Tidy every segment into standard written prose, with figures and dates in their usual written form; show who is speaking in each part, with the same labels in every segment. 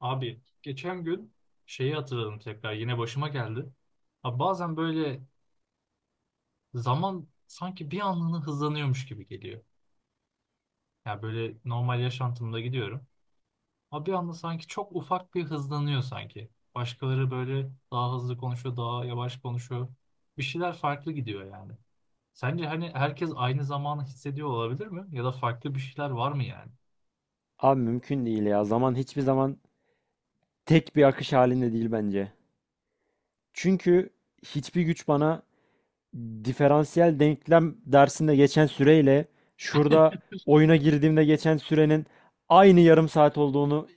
Speaker 1: Abi geçen gün şeyi hatırladım tekrar yine başıma geldi. Abi bazen böyle zaman sanki bir anlığına hızlanıyormuş gibi geliyor. Yani böyle normal yaşantımda gidiyorum. Abi bir anda sanki çok ufak bir hızlanıyor sanki. Başkaları böyle daha hızlı konuşuyor, daha yavaş konuşuyor. Bir şeyler farklı gidiyor yani. Sence hani herkes aynı zamanı hissediyor olabilir mi? Ya da farklı bir şeyler var mı yani?
Speaker 2: Abi mümkün değil ya. Zaman hiçbir zaman tek bir akış halinde değil bence. Çünkü hiçbir güç bana diferansiyel denklem dersinde geçen süreyle şurada oyuna girdiğimde geçen sürenin aynı yarım saat olduğunu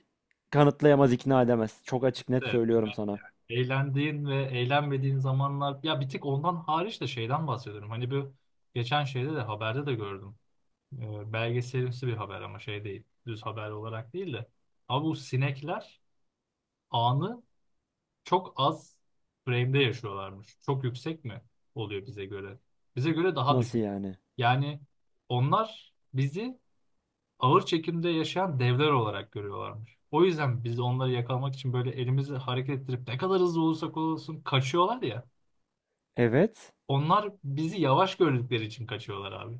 Speaker 2: kanıtlayamaz, ikna edemez. Çok açık net
Speaker 1: Evet,
Speaker 2: söylüyorum
Speaker 1: bunlar
Speaker 2: sana.
Speaker 1: yani eğlendiğin ve eğlenmediğin zamanlar ya bir tek ondan hariç de şeyden bahsediyorum. Hani bu geçen şeyde de haberde de gördüm. Belgeselimsi bir haber ama şey değil. Düz haber olarak değil de. Abi bu sinekler anı çok az frame'de yaşıyorlarmış. Çok yüksek mi oluyor bize göre? Bize göre daha
Speaker 2: Nasıl
Speaker 1: düşük.
Speaker 2: yani?
Speaker 1: Yani onlar bizi ağır çekimde yaşayan devler olarak görüyorlarmış. O yüzden biz de onları yakalamak için böyle elimizi hareket ettirip ne kadar hızlı olursak olsun kaçıyorlar ya.
Speaker 2: Evet.
Speaker 1: Onlar bizi yavaş gördükleri için kaçıyorlar abi.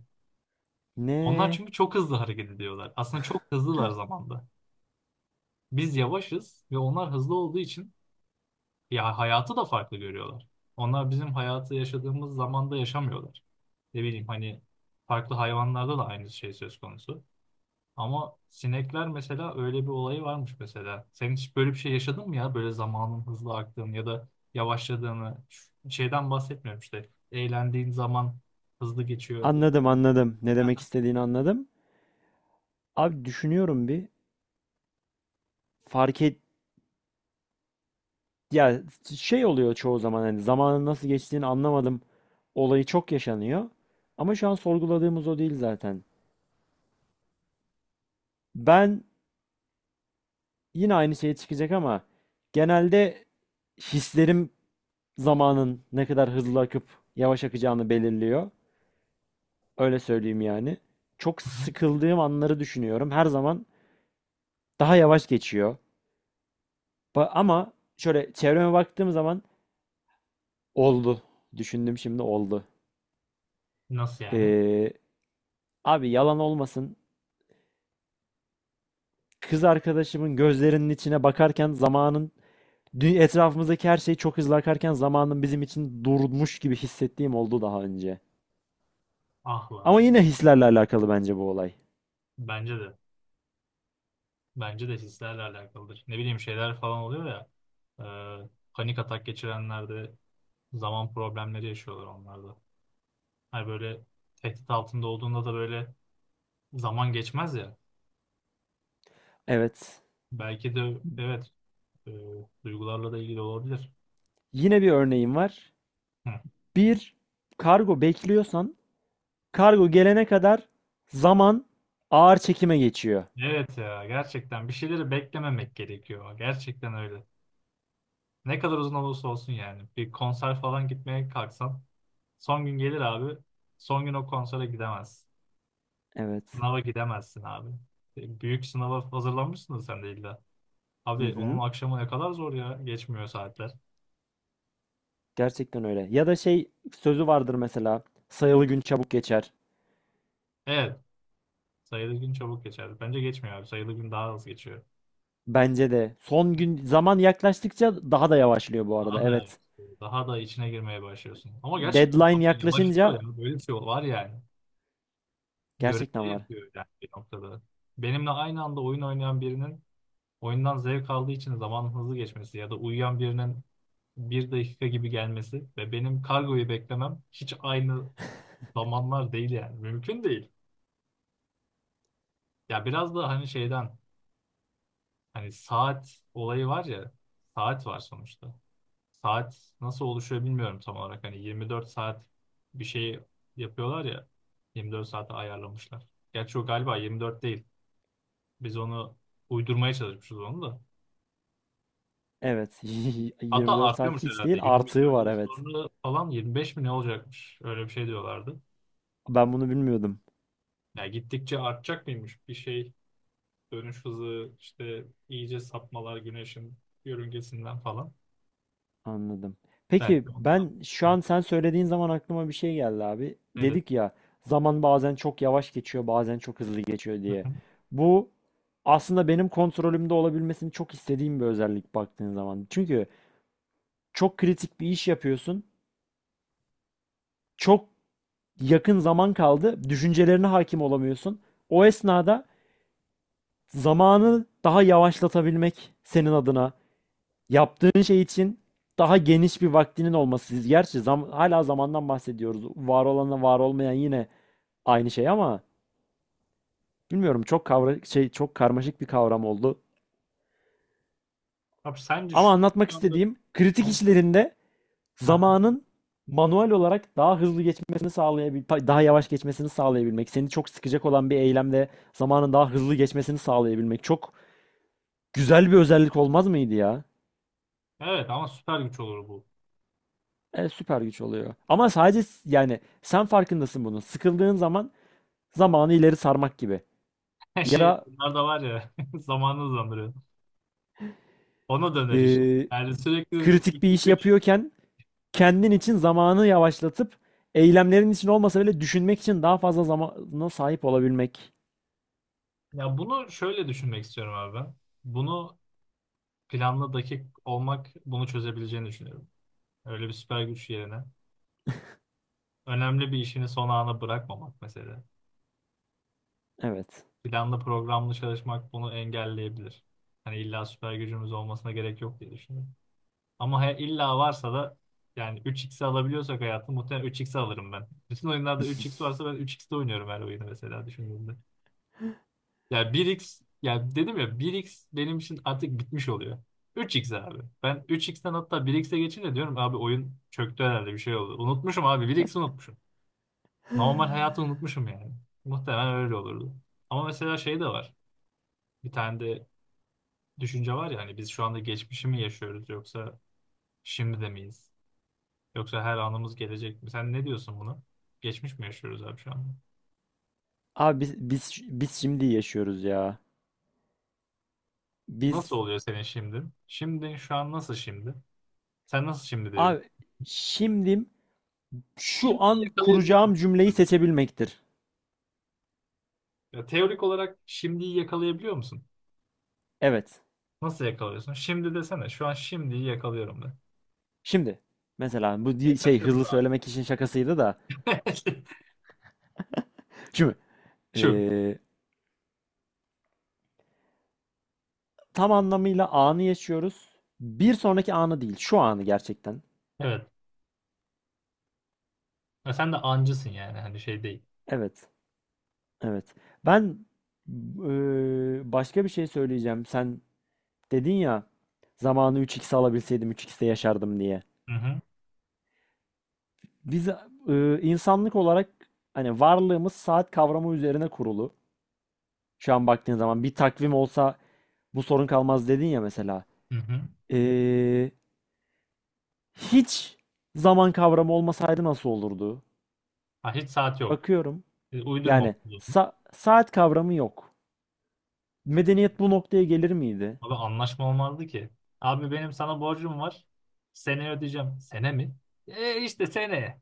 Speaker 1: Onlar
Speaker 2: Ne?
Speaker 1: çünkü çok hızlı hareket ediyorlar. Aslında çok hızlılar zamanda. Biz yavaşız ve onlar hızlı olduğu için ya hayatı da farklı görüyorlar. Onlar bizim hayatı yaşadığımız zamanda yaşamıyorlar. Ne bileyim hani farklı hayvanlarda da aynı şey söz konusu. Ama sinekler mesela öyle bir olayı varmış mesela. Sen hiç böyle bir şey yaşadın mı ya? Böyle zamanın hızlı aktığını ya da yavaşladığını. Şeyden bahsetmiyorum işte. Eğlendiğin zaman hızlı geçiyor.
Speaker 2: Anladım, anladım. Ne demek
Speaker 1: Aha.
Speaker 2: istediğini anladım. Abi düşünüyorum bir. Fark et, ya şey oluyor çoğu zaman hani zamanın nasıl geçtiğini anlamadım olayı çok yaşanıyor. Ama şu an sorguladığımız o değil zaten. Ben yine aynı şeye çıkacak ama genelde hislerim zamanın ne kadar hızlı akıp yavaş akacağını belirliyor. Öyle söyleyeyim yani. Çok
Speaker 1: Hı hı.
Speaker 2: sıkıldığım anları düşünüyorum. Her zaman daha yavaş geçiyor. Ama şöyle çevreme baktığım zaman oldu. Düşündüm şimdi oldu.
Speaker 1: Nasıl yani?
Speaker 2: Ee, Abi yalan olmasın. Kız arkadaşımın gözlerinin içine bakarken zamanın etrafımızdaki her şey çok hızlı akarken zamanın bizim için durmuş gibi hissettiğim oldu daha önce.
Speaker 1: Ah lan.
Speaker 2: Ama yine hislerle alakalı bence bu olay.
Speaker 1: Bence de. Bence de hislerle alakalıdır. Ne bileyim şeyler falan oluyor ya. Panik atak geçirenlerde zaman problemleri yaşıyorlar onlarda. Hani böyle tehdit altında olduğunda da böyle zaman geçmez ya.
Speaker 2: Evet.
Speaker 1: Belki de evet, e, duygularla da ilgili olabilir.
Speaker 2: Yine bir örneğim var.
Speaker 1: Hı.
Speaker 2: Bir kargo bekliyorsan kargo gelene kadar zaman ağır çekime geçiyor.
Speaker 1: Evet ya gerçekten bir şeyleri beklememek gerekiyor. Gerçekten öyle. Ne kadar uzun olursa olsun yani. Bir konser falan gitmeye kalksan son gün gelir abi. Son gün o konsere gidemez.
Speaker 2: Evet.
Speaker 1: Sınava gidemezsin abi. Büyük sınava hazırlanmışsın da sen de illa.
Speaker 2: Hı
Speaker 1: Abi onun
Speaker 2: hı.
Speaker 1: akşamı ne kadar zor ya. Geçmiyor saatler.
Speaker 2: Gerçekten öyle. Ya da şey sözü vardır mesela. Sayılı gün çabuk geçer.
Speaker 1: Evet. Sayılı gün çabuk geçer. Bence geçmiyor abi. Sayılı gün daha hızlı geçiyor.
Speaker 2: Bence de. Son gün zaman yaklaştıkça daha da yavaşlıyor bu arada.
Speaker 1: Daha da
Speaker 2: Evet.
Speaker 1: evet, daha da içine girmeye başlıyorsun. Ama gerçekten
Speaker 2: Deadline
Speaker 1: ama yavaşlıyor ya.
Speaker 2: yaklaşınca
Speaker 1: Böyle bir şey var yani. Görece
Speaker 2: gerçekten var.
Speaker 1: yapıyor yani bir noktada. Benimle aynı anda oyun oynayan birinin oyundan zevk aldığı için zamanın hızlı geçmesi ya da uyuyan birinin bir dakika gibi gelmesi ve benim kargoyu beklemem hiç aynı zamanlar değil yani. Mümkün değil. Ya biraz da hani şeyden hani saat olayı var ya saat var sonuçta. Saat nasıl oluşuyor bilmiyorum tam olarak. Hani 24 saat bir şey yapıyorlar ya. 24 saate ayarlamışlar. Gerçi o galiba 24 değil. Biz onu uydurmaya çalışmışız onu da.
Speaker 2: Evet.
Speaker 1: Hatta
Speaker 2: 24 saat
Speaker 1: artıyormuş
Speaker 2: hiç değil,
Speaker 1: herhalde. 100
Speaker 2: artığı
Speaker 1: milyon
Speaker 2: var,
Speaker 1: yıl
Speaker 2: evet.
Speaker 1: sonra falan 25 mi ne olacakmış? Öyle bir şey diyorlardı.
Speaker 2: Ben bunu bilmiyordum.
Speaker 1: Ya gittikçe artacak mıymış bir şey dönüş hızı işte iyice sapmalar güneşin yörüngesinden falan.
Speaker 2: Anladım. Peki
Speaker 1: Belki
Speaker 2: ben
Speaker 1: ondan.
Speaker 2: şu
Speaker 1: Hı.
Speaker 2: an sen söylediğin zaman aklıma bir şey geldi abi.
Speaker 1: Nedir?
Speaker 2: Dedik ya, zaman bazen çok yavaş geçiyor bazen çok hızlı geçiyor
Speaker 1: Hı
Speaker 2: diye.
Speaker 1: hı.
Speaker 2: Bu aslında benim kontrolümde olabilmesini çok istediğim bir özellik baktığın zaman. Çünkü çok kritik bir iş yapıyorsun. Çok yakın zaman kaldı. Düşüncelerine hakim olamıyorsun. O esnada zamanı daha yavaşlatabilmek senin adına yaptığın şey için daha geniş bir vaktinin olması. Gerçi hala zamandan bahsediyoruz. Var olanla var olmayan yine aynı şey ama bilmiyorum, çok şey, çok karmaşık bir kavram oldu.
Speaker 1: Abi sence
Speaker 2: Ama
Speaker 1: şu
Speaker 2: anlatmak istediğim kritik
Speaker 1: anda.
Speaker 2: işlerinde zamanın manuel olarak daha hızlı geçmesini sağlayabilmek, daha yavaş geçmesini sağlayabilmek, seni çok sıkacak olan bir eylemde zamanın daha hızlı geçmesini sağlayabilmek çok güzel bir özellik olmaz mıydı ya?
Speaker 1: Evet ama süper güç olur bu.
Speaker 2: Evet, süper güç oluyor. Ama sadece yani sen farkındasın bunun. Sıkıldığın zaman zamanı ileri sarmak gibi.
Speaker 1: Her
Speaker 2: Ya
Speaker 1: şey
Speaker 2: da
Speaker 1: bunlar da var ya zamanı hızlandırıyor. Ona döner işte.
Speaker 2: eee,
Speaker 1: Yani sürekli
Speaker 2: kritik bir
Speaker 1: üç,
Speaker 2: iş
Speaker 1: üç-
Speaker 2: yapıyorken kendin için zamanı yavaşlatıp eylemlerin için olmasa bile düşünmek için daha fazla zamana sahip olabilmek.
Speaker 1: Ya bunu şöyle düşünmek istiyorum abi ben. Bunu planlı dakik olmak bunu çözebileceğini düşünüyorum. Öyle bir süper güç yerine. Önemli bir işini son ana bırakmamak mesela.
Speaker 2: Evet.
Speaker 1: Planlı programlı çalışmak bunu engelleyebilir. Hani illa süper gücümüz olmasına gerek yok diye düşünüyorum. Ama illa varsa da yani 3x'i alabiliyorsak hayatım muhtemelen 3x alırım ben. Bütün oyunlarda 3x varsa ben 3x'te oynuyorum her oyunu mesela düşündüğümde. Ya bir x ya dedim ya bir x benim için artık bitmiş oluyor. 3x abi. Ben 3x'ten hatta bir xe geçince diyorum abi oyun çöktü herhalde bir şey oldu. Unutmuşum abi bir xi unutmuşum. Normal hayatı unutmuşum yani. Muhtemelen öyle olurdu. Ama mesela şey de var. Bir tane de düşünce var ya hani biz şu anda geçmişi mi yaşıyoruz yoksa şimdi de miyiz? Yoksa her anımız gelecek mi? Sen ne diyorsun buna? Geçmiş mi yaşıyoruz abi şu anda?
Speaker 2: Abi biz şimdi yaşıyoruz ya. Biz
Speaker 1: Nasıl oluyor senin şimdi? Şimdi şu an nasıl şimdi? Sen nasıl şimdi diyor.
Speaker 2: abi şimdi şu
Speaker 1: Şimdiyi
Speaker 2: an
Speaker 1: yakalayabiliyor
Speaker 2: kuracağım
Speaker 1: musun?
Speaker 2: cümleyi seçebilmektir.
Speaker 1: Ya teorik olarak şimdiyi yakalayabiliyor musun?
Speaker 2: Evet.
Speaker 1: Nasıl yakalıyorsun? Şimdi desene. Şu an şimdiyi yakalıyorum de.
Speaker 2: Şimdi mesela bu
Speaker 1: Ya
Speaker 2: şey
Speaker 1: kaçırdın
Speaker 2: hızlı
Speaker 1: abi.
Speaker 2: söylemek için şakasıydı da. Şimdi
Speaker 1: Şu.
Speaker 2: Ee, tam anlamıyla anı yaşıyoruz. Bir sonraki anı değil, şu anı gerçekten.
Speaker 1: Evet. Ya sen de ancısın yani. Hani şey değil.
Speaker 2: Evet, evet. Ben başka bir şey söyleyeceğim. Sen dedin ya, zamanı 3x alabilseydim 3x'te yaşardım diye.
Speaker 1: Hı hı.
Speaker 2: Biz insanlık olarak hani varlığımız saat kavramı üzerine kurulu. Şu an baktığın zaman bir takvim olsa bu sorun kalmaz dedin ya mesela.
Speaker 1: Hı hı.
Speaker 2: Eee, Hiç zaman kavramı olmasaydı nasıl olurdu?
Speaker 1: Ha, hiç saat yok.
Speaker 2: Bakıyorum.
Speaker 1: Uydurmam.
Speaker 2: Yani saat kavramı yok. Medeniyet bu noktaya gelir miydi?
Speaker 1: Abi anlaşma olmazdı ki. Abi benim sana borcum var. Seneye ödeyeceğim. Sene mi? E işte seneye.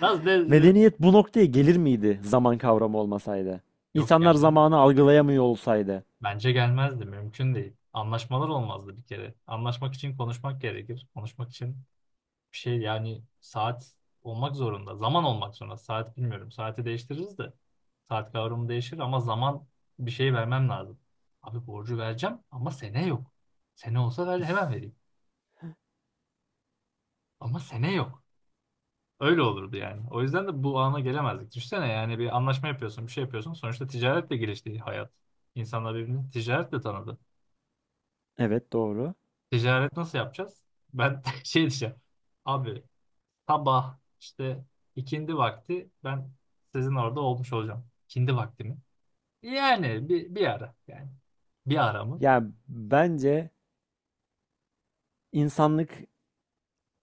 Speaker 1: Nasıl de, de-
Speaker 2: Medeniyet bu noktaya gelir miydi zaman kavramı olmasaydı?
Speaker 1: Yok
Speaker 2: İnsanlar
Speaker 1: gelmez.
Speaker 2: zamanı algılayamıyor olsaydı.
Speaker 1: Bence gelmezdi. Mümkün değil. Anlaşmalar olmazdı bir kere. Anlaşmak için konuşmak gerekir. Konuşmak için bir şey yani saat olmak zorunda. Zaman olmak zorunda. Saat bilmiyorum. Saati değiştiririz de. Saat kavramı değişir ama zaman bir şey vermem lazım. Abi borcu vereceğim ama sene yok. Sene olsa ver, hemen vereyim. Ama sene yok. Öyle olurdu yani. O yüzden de bu ana gelemezdik. Düşünsene yani bir anlaşma yapıyorsun, bir şey yapıyorsun. Sonuçta ticaretle gelişti hayat. İnsanlar birbirini ticaretle tanıdı.
Speaker 2: Evet, doğru.
Speaker 1: Ticaret nasıl yapacağız? Ben şey diyeceğim. Abi sabah işte ikindi vakti ben sizin orada olmuş olacağım. İkindi vakti mi? Yani bir ara yani. Bir ara mı?
Speaker 2: Yani bence insanlık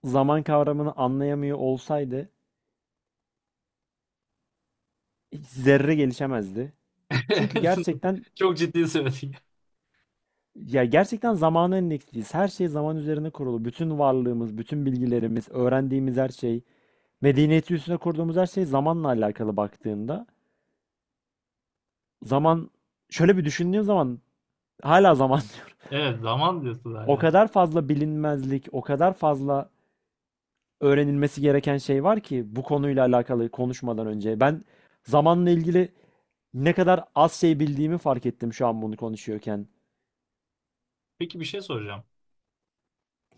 Speaker 2: zaman kavramını anlayamıyor olsaydı hiç zerre gelişemezdi. Çünkü gerçekten,
Speaker 1: Çok ciddi söyledik.
Speaker 2: ya gerçekten zamana endeksliyiz. Her şey zaman üzerine kurulu. Bütün varlığımız, bütün bilgilerimiz, öğrendiğimiz her şey, medeniyeti üstüne kurduğumuz her şey zamanla alakalı baktığında. Zaman, şöyle bir düşündüğün zaman hala zaman diyorum.
Speaker 1: Evet zaman diyorsun
Speaker 2: O
Speaker 1: zaten.
Speaker 2: kadar fazla bilinmezlik, o kadar fazla öğrenilmesi gereken şey var ki bu konuyla alakalı konuşmadan önce. Ben zamanla ilgili ne kadar az şey bildiğimi fark ettim şu an bunu konuşuyorken.
Speaker 1: Peki bir şey soracağım.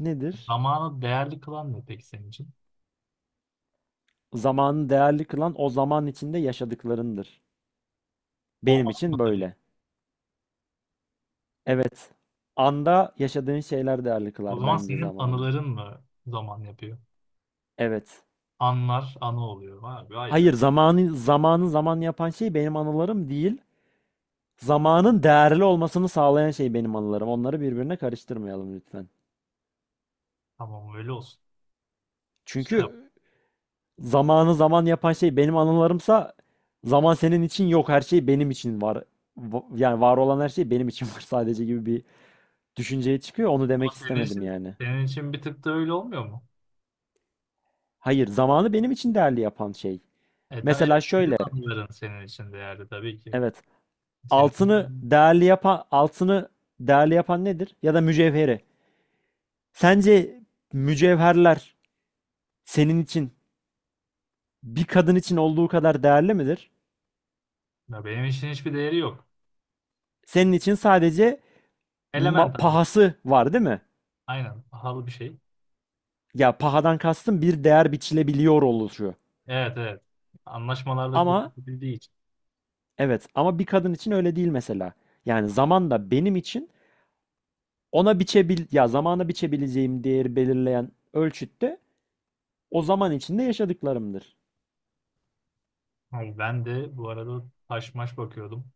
Speaker 2: Nedir?
Speaker 1: Zamanı değerli kılan ne peki senin için?
Speaker 2: Zamanı değerli kılan, o zaman içinde yaşadıklarındır.
Speaker 1: O
Speaker 2: Benim
Speaker 1: an
Speaker 2: için
Speaker 1: mıdır?
Speaker 2: böyle. Evet. Anda yaşadığın şeyler değerli
Speaker 1: O
Speaker 2: kılar
Speaker 1: zaman
Speaker 2: bence
Speaker 1: senin
Speaker 2: zamanı.
Speaker 1: anıların mı zaman yapıyor?
Speaker 2: Evet.
Speaker 1: Anlar anı oluyor. Vay be, vay be.
Speaker 2: Hayır, zamanı zaman yapan şey benim anılarım değil. Zamanın değerli olmasını sağlayan şey benim anılarım. Onları birbirine karıştırmayalım lütfen.
Speaker 1: Tamam öyle olsun. Selam.
Speaker 2: Çünkü zamanı zaman yapan şey benim anılarımsa zaman senin için yok. Her şey benim için var. Yani var olan her şey benim için var sadece, gibi bir düşünceye çıkıyor. Onu
Speaker 1: Ama
Speaker 2: demek
Speaker 1: senin
Speaker 2: istemedim
Speaker 1: için
Speaker 2: yani.
Speaker 1: senin için bir tık da öyle olmuyor mu?
Speaker 2: Hayır, zamanı benim için değerli yapan şey. Mesela
Speaker 1: Evet senin
Speaker 2: şöyle,
Speaker 1: anıların senin için değerli tabii ki.
Speaker 2: evet.
Speaker 1: Senin
Speaker 2: Altını
Speaker 1: anıların
Speaker 2: değerli yapan, altını değerli yapan nedir? Ya da mücevheri. Sence mücevherler senin için bir kadın için olduğu kadar değerli midir?
Speaker 1: ya benim için hiçbir değeri yok.
Speaker 2: Senin için sadece
Speaker 1: Element abi.
Speaker 2: pahası var değil mi?
Speaker 1: Aynen pahalı bir şey.
Speaker 2: Ya, pahadan kastım bir değer biçilebiliyor oluşu.
Speaker 1: Evet evet. Anlaşmalarla
Speaker 2: Ama
Speaker 1: kurtulabildiği için.
Speaker 2: evet, ama bir kadın için öyle değil mesela. Yani zaman da benim için ona biçebil ya zamana biçebileceğim değeri belirleyen ölçütte o zaman içinde yaşadıklarımdır.
Speaker 1: Abi ben de bu arada taş maş bakıyordum.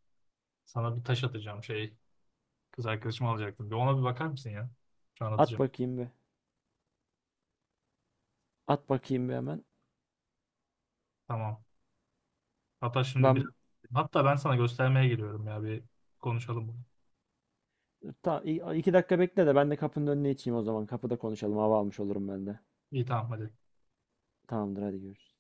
Speaker 1: Sana bir taş atacağım şey. Kız arkadaşımı alacaktım. Bir ona bir bakar mısın ya? Şu an
Speaker 2: At
Speaker 1: atacağım.
Speaker 2: bakayım bir. At bakayım bir hemen.
Speaker 1: Tamam. Hatta şimdi
Speaker 2: Ben
Speaker 1: biraz... Hatta ben sana göstermeye geliyorum ya bir konuşalım bunu.
Speaker 2: 2 dakika bekle de ben de kapının önüne içeyim o zaman. Kapıda konuşalım. Hava almış olurum ben de.
Speaker 1: İyi tamam hadi.
Speaker 2: Tamamdır, hadi görüşürüz.